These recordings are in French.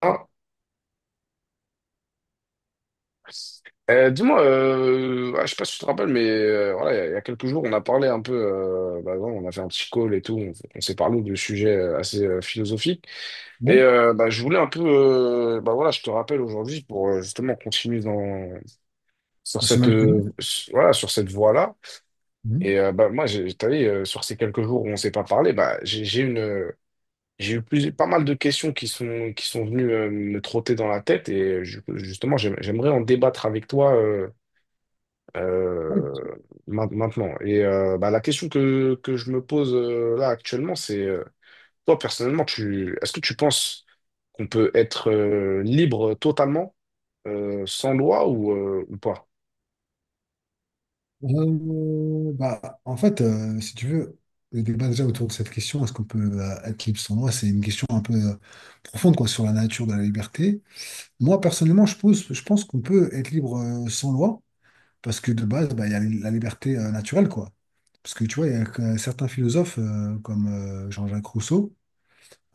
Ah. Dis-moi, je sais pas si tu te rappelles, mais voilà, il y a quelques jours, on a parlé un peu, voilà, on a fait un petit call et tout, on s'est parlé de sujets assez philosophiques. Ouais, Et je voulais un peu, voilà, je te rappelle aujourd'hui pour justement continuer sur c'est cette, même ce que je dis. Voilà, sur cette voie-là. Mhm. Et moi, t'as vu, sur ces quelques jours où on s'est pas parlé, bah, j'ai j'ai eu pas mal de questions qui sont venues me trotter dans la tête et justement, j'aimerais en débattre avec toi, Ouais. euh, maintenant. Et la question que je me pose là actuellement, c'est toi personnellement, est-ce que tu penses qu'on peut être libre totalement sans loi ou pas? En fait, si tu veux, le débat déjà autour de cette question, est-ce qu'on peut être libre sans loi, c'est une question un peu profonde quoi, sur la nature de la liberté. Moi, personnellement, je pense qu'on peut être libre sans loi, parce que de base, bah, il y a la liberté naturelle, quoi. Parce que tu vois, il y a que certains philosophes comme Jean-Jacques Rousseau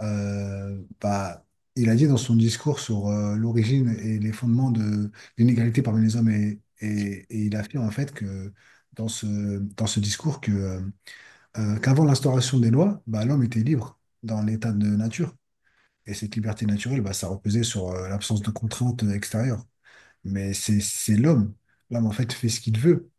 euh, bah, il a dit dans son discours sur l'origine et les fondements de l'inégalité parmi les hommes et il affirme en fait que dans ce, dans ce discours qu'avant l'instauration des lois, bah, l'homme était libre dans l'état de nature. Et cette liberté naturelle, bah, ça reposait sur l'absence de contraintes extérieures. Mais c'est l'homme. L'homme, en fait, fait ce qu'il veut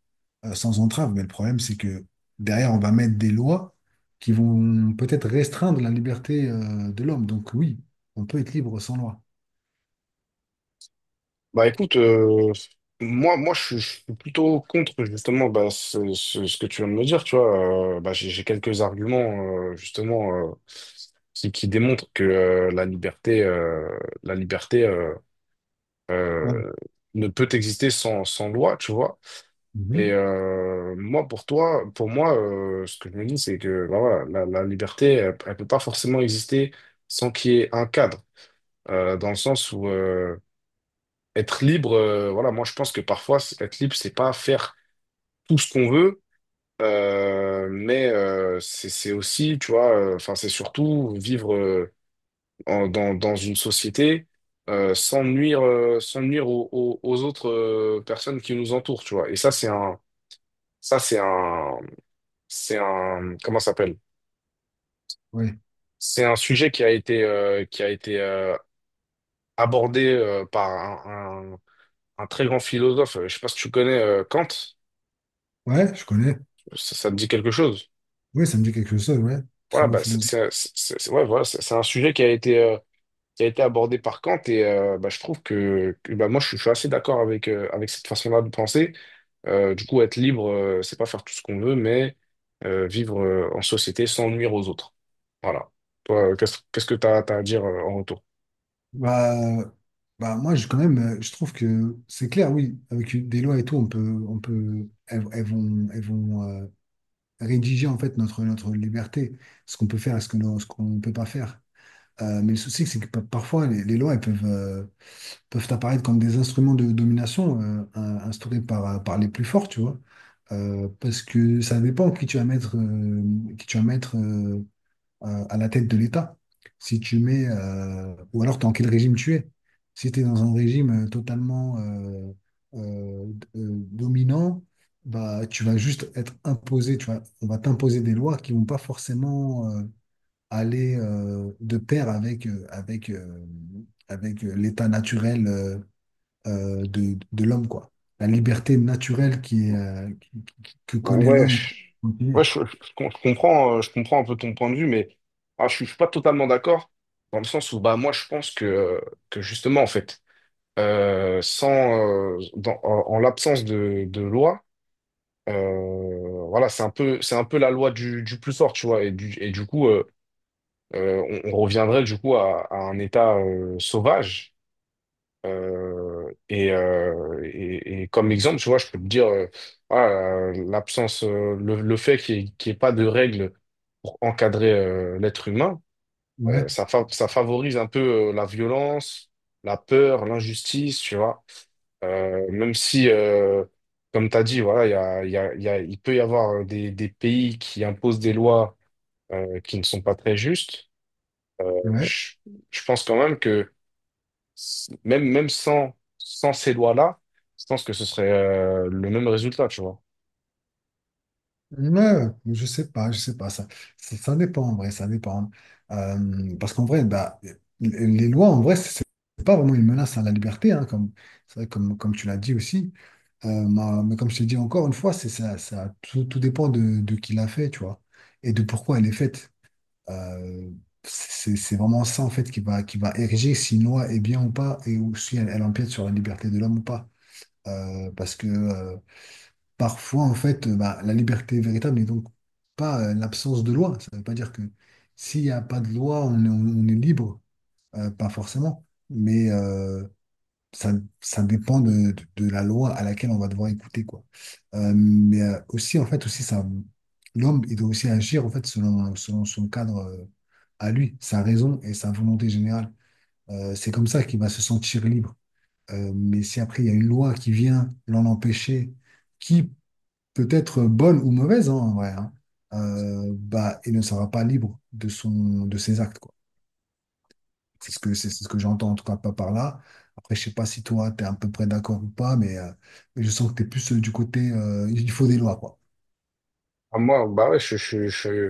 sans entrave. Mais le problème, c'est que derrière, on va mettre des lois qui vont peut-être restreindre la liberté de l'homme. Donc oui, on peut être libre sans loi. Bah écoute, moi, je suis plutôt contre justement bah, ce que tu viens de me dire, tu vois. J'ai quelques arguments justement, qui démontrent que la liberté, Ouais. euh, ne peut exister sans loi, tu vois. Et Mhm. Moi, pour moi, ce que je me dis, c'est que bah, voilà, la liberté, elle peut pas forcément exister sans qu'il y ait un cadre, dans le sens où être libre, voilà, moi je pense que être libre, c'est pas faire tout ce qu'on veut, mais c'est aussi, tu vois, enfin c'est surtout vivre dans une société sans nuire, sans nuire aux autres personnes qui nous entourent, tu vois. Et ça c'est un, c'est un, comment ça s'appelle? Ouais. C'est un sujet qui a été abordé par un, un- un très grand philosophe. Je sais pas si tu connais, Kant. Ouais, je connais. Ça te dit quelque chose? Oui, ça me dit quelque chose, ouais. Très Voilà, bon bah, philosophe. c'est un c'est- ouais, voilà, c'est un sujet qui a été abordé par Kant et je trouve bah, je suis assez d'accord avec, avec cette façon-là de penser. Du coup, être libre, c'est pas faire tout ce qu'on veut, mais vivre en société sans nuire aux autres. Voilà. Toi, qu'est-ce que tu as à dire en retour? Bah, moi, je, quand même, je trouve que c'est clair, oui, avec des lois et tout, on peut, elles vont rédiger en fait notre liberté, ce qu'on peut faire et ce que ce qu'on ne peut pas faire. Mais le souci, c'est que parfois, les lois, elles peuvent apparaître comme des instruments de domination instaurés par les plus forts, tu vois. Parce que ça dépend qui tu vas mettre, qui tu vas mettre euh, à la tête de l'État. Si tu mets, ou alors dans quel régime tu es. Si tu es dans un régime totalement dominant, bah, tu vas juste être imposé, tu vois, on va t'imposer des lois qui vont pas forcément aller de pair avec l'état naturel de l'homme, quoi. La liberté naturelle qui est, qui- que Bon, connaît ouais, l'homme pour continuer. ouais, je comprends un peu ton point de vue, mais je suis pas totalement d'accord dans le sens où bah, moi je pense que justement, en fait, sans, dans- en, en l'absence de loi, voilà, c'est un peu la loi du plus fort, tu vois. Et du coup, on reviendrait du coup à un état sauvage. Et comme exemple, tu vois, je peux te dire, voilà, le fait qu'il y ait pas de règles pour encadrer l'être humain, Ouais, ça, ça favorise un peu la violence, la peur, l'injustice, tu vois. Même si, comme tu as dit, voilà, il y a, il y a, il y a- il peut y avoir des pays qui imposent des lois qui ne sont pas très justes, euh, ouais. je, je pense quand même que même sans ces lois-là, je pense que ce serait le même résultat, tu vois. Ouais, je sais pas, je sais pas. Ça dépend en vrai, ça dépend. Parce qu'en vrai, bah, les lois, en vrai, c'est pas vraiment une menace à la liberté, hein, comme, c'est vrai, comme tu l'as dit aussi. Mais comme je t'ai dit encore une fois, c'est ça, ça, tout, tout dépend de qui l'a fait, tu vois, et de pourquoi elle est faite. Euh, c'est vraiment ça en fait qui va ériger si une loi est bien ou pas et ou si elle empiète sur la liberté de l'homme ou pas. Parce que parfois en fait bah, la liberté véritable n'est donc pas l'absence de loi. Ça ne veut pas dire que s'il n'y a pas de loi on est libre. Pas forcément. Mais ça, ça dépend de, de la loi à laquelle on va devoir écouter, quoi. Mais aussi, en fait, aussi, ça, L'homme, il doit aussi agir, en fait, selon son cadre à lui, sa raison et sa volonté générale. C'est comme ça qu'il va se sentir libre. Mais si après, il y a une loi qui vient l'en empêcher, qui peut être bonne ou mauvaise, hein, en vrai, hein, bah, il ne sera pas libre de son, de ses actes, quoi. C'est ce que j'entends en tout cas pas par là. Après, je sais pas si toi, tu es à peu près d'accord ou pas, mais je sens que tu es plus du côté il faut des lois, quoi. Ah, moi, bah ouais,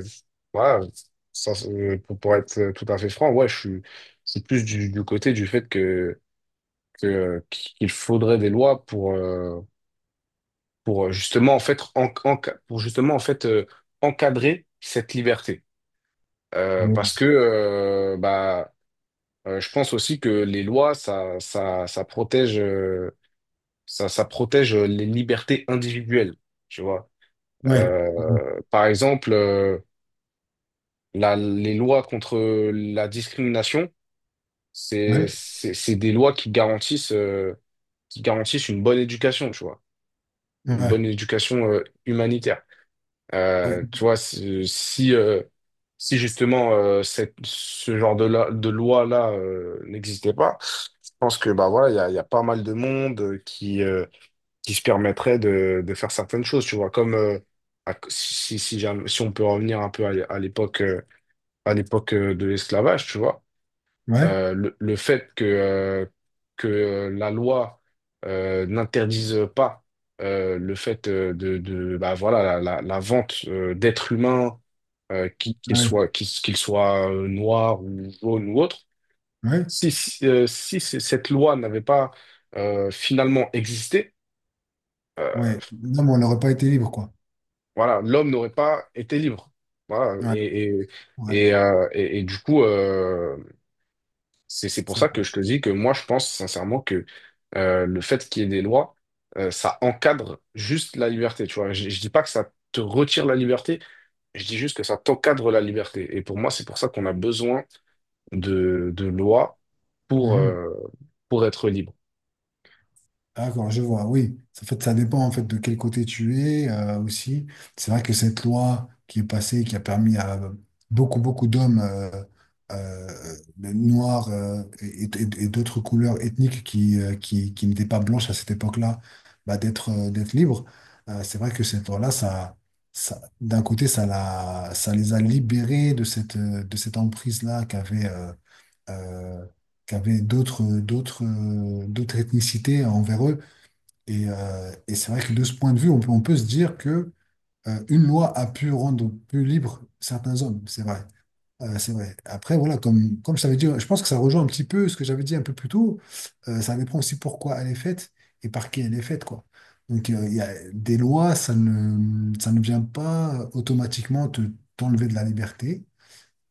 voilà, pour être tout à fait franc, ouais, c'est plus du côté du fait qu'il faudrait des lois pour, justement en fait pour justement en fait euh, encadrer cette liberté. Ouais, Parce que bah, je pense aussi que les lois ça protège, ça protège les libertés individuelles, tu vois. ouais, Par exemple, les lois contre la discrimination, c'est ouais, c'est c'est des lois qui garantissent, qui garantissent une bonne éducation, tu vois, une bonne ouais, éducation humanitaire. ouais, Tu vois, si justement, ce genre de loi-là n'existait pas, je pense que bah voilà, il y a pas mal de monde qui se permettrait de faire certaines choses, tu vois, comme, si j'ai si on peut revenir un peu à l'époque, de l'esclavage, tu vois, ouais, le fait que la loi n'interdise pas le fait de bah, voilà, la vente d'êtres humains, ouais. Qu'ils soient noirs ou jaunes ou autres, Ouais. si, si, si c- cette loi n'avait pas finalement existé, Ouais. Non, mais on n'aurait pas été libre, quoi. voilà, l'homme n'aurait pas été libre. Voilà, Ouais, et, ouais, et, et du coup, c'est pour c'est ça que vrai. je te dis que moi, je pense sincèrement que le fait qu'il y ait des lois, ça encadre juste la liberté, tu vois. Je dis pas que ça te retire la liberté, je dis juste que ça t'encadre la liberté. Et pour moi, c'est pour ça qu'on a besoin de lois pour, Mhm. euh, pour être libre. D'accord, je vois, oui. Ça fait, ça dépend en fait de quel côté tu es aussi. C'est vrai que cette loi qui est passée, qui a permis à beaucoup, beaucoup d'hommes euh, noirs et d'autres couleurs ethniques qui n'étaient pas blanches à cette époque-là, bah, d'être libres. C'est vrai que cette loi-là, d'un côté, ça les a libérés de cette emprise-là euh, qu'avaient d'autres d'autres ethnicités envers eux. Et c'est vrai que de ce point de vue, on peut se dire que une loi a pu rendre plus libres certains hommes. C'est vrai. C'est vrai. Après, voilà, comme je t'avais dit, je pense que ça rejoint un petit peu ce que j'avais dit un peu plus tôt. Ça dépend aussi pourquoi elle est faite et par qui elle est faite, quoi. Donc, il y a des lois, ça ne vient pas automatiquement te, t'enlever de la liberté.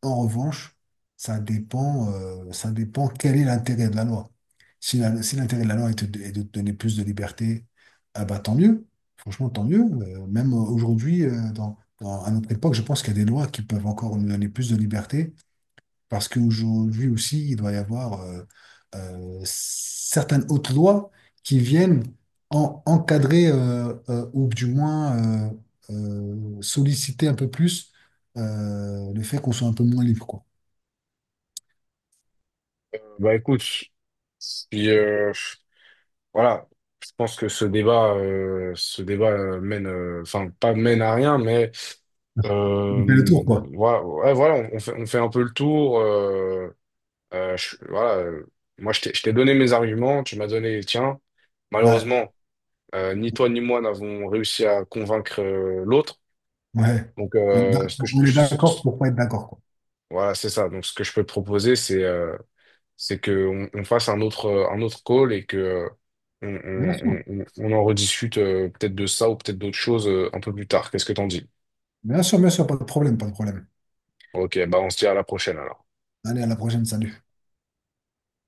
En revanche, ça dépend quel est l'intérêt de la loi. Si l'intérêt de la loi est de te donner plus de liberté, ah bah, tant mieux. Franchement, tant mieux. Même aujourd'hui, à notre époque, je pense qu'il y a des lois qui peuvent encore nous donner plus de liberté parce qu'aujourd'hui aussi, il doit y avoir certaines hautes lois qui viennent encadrer ou du moins solliciter un peu plus le fait qu'on soit un peu moins libre, quoi. Bah écoute, puis, voilà, je pense que ce débat, mène, enfin pas mène à rien, mais On fait le euh, tour, quoi. voilà, ouais, voilà, on fait un peu le tour. Voilà, moi, je t'ai donné mes arguments, tu m'as donné les tiens. Ouais, Malheureusement, ni toi ni moi n'avons réussi à convaincre l'autre. ouais. Donc, On est ce que on est d'accord je- pour pas être d'accord, quoi. voilà, c'est ça. Donc, ce que je peux te proposer, c'est que on fasse un autre call et que on, Bien sûr, on en rediscute, peut-être de ça ou peut-être d'autres choses un peu plus tard. Qu'est-ce que t'en dis? Bien sûr, pas de problème, pas de problème. Ok, bah on se dit à la prochaine alors. Allez, à la prochaine, salut.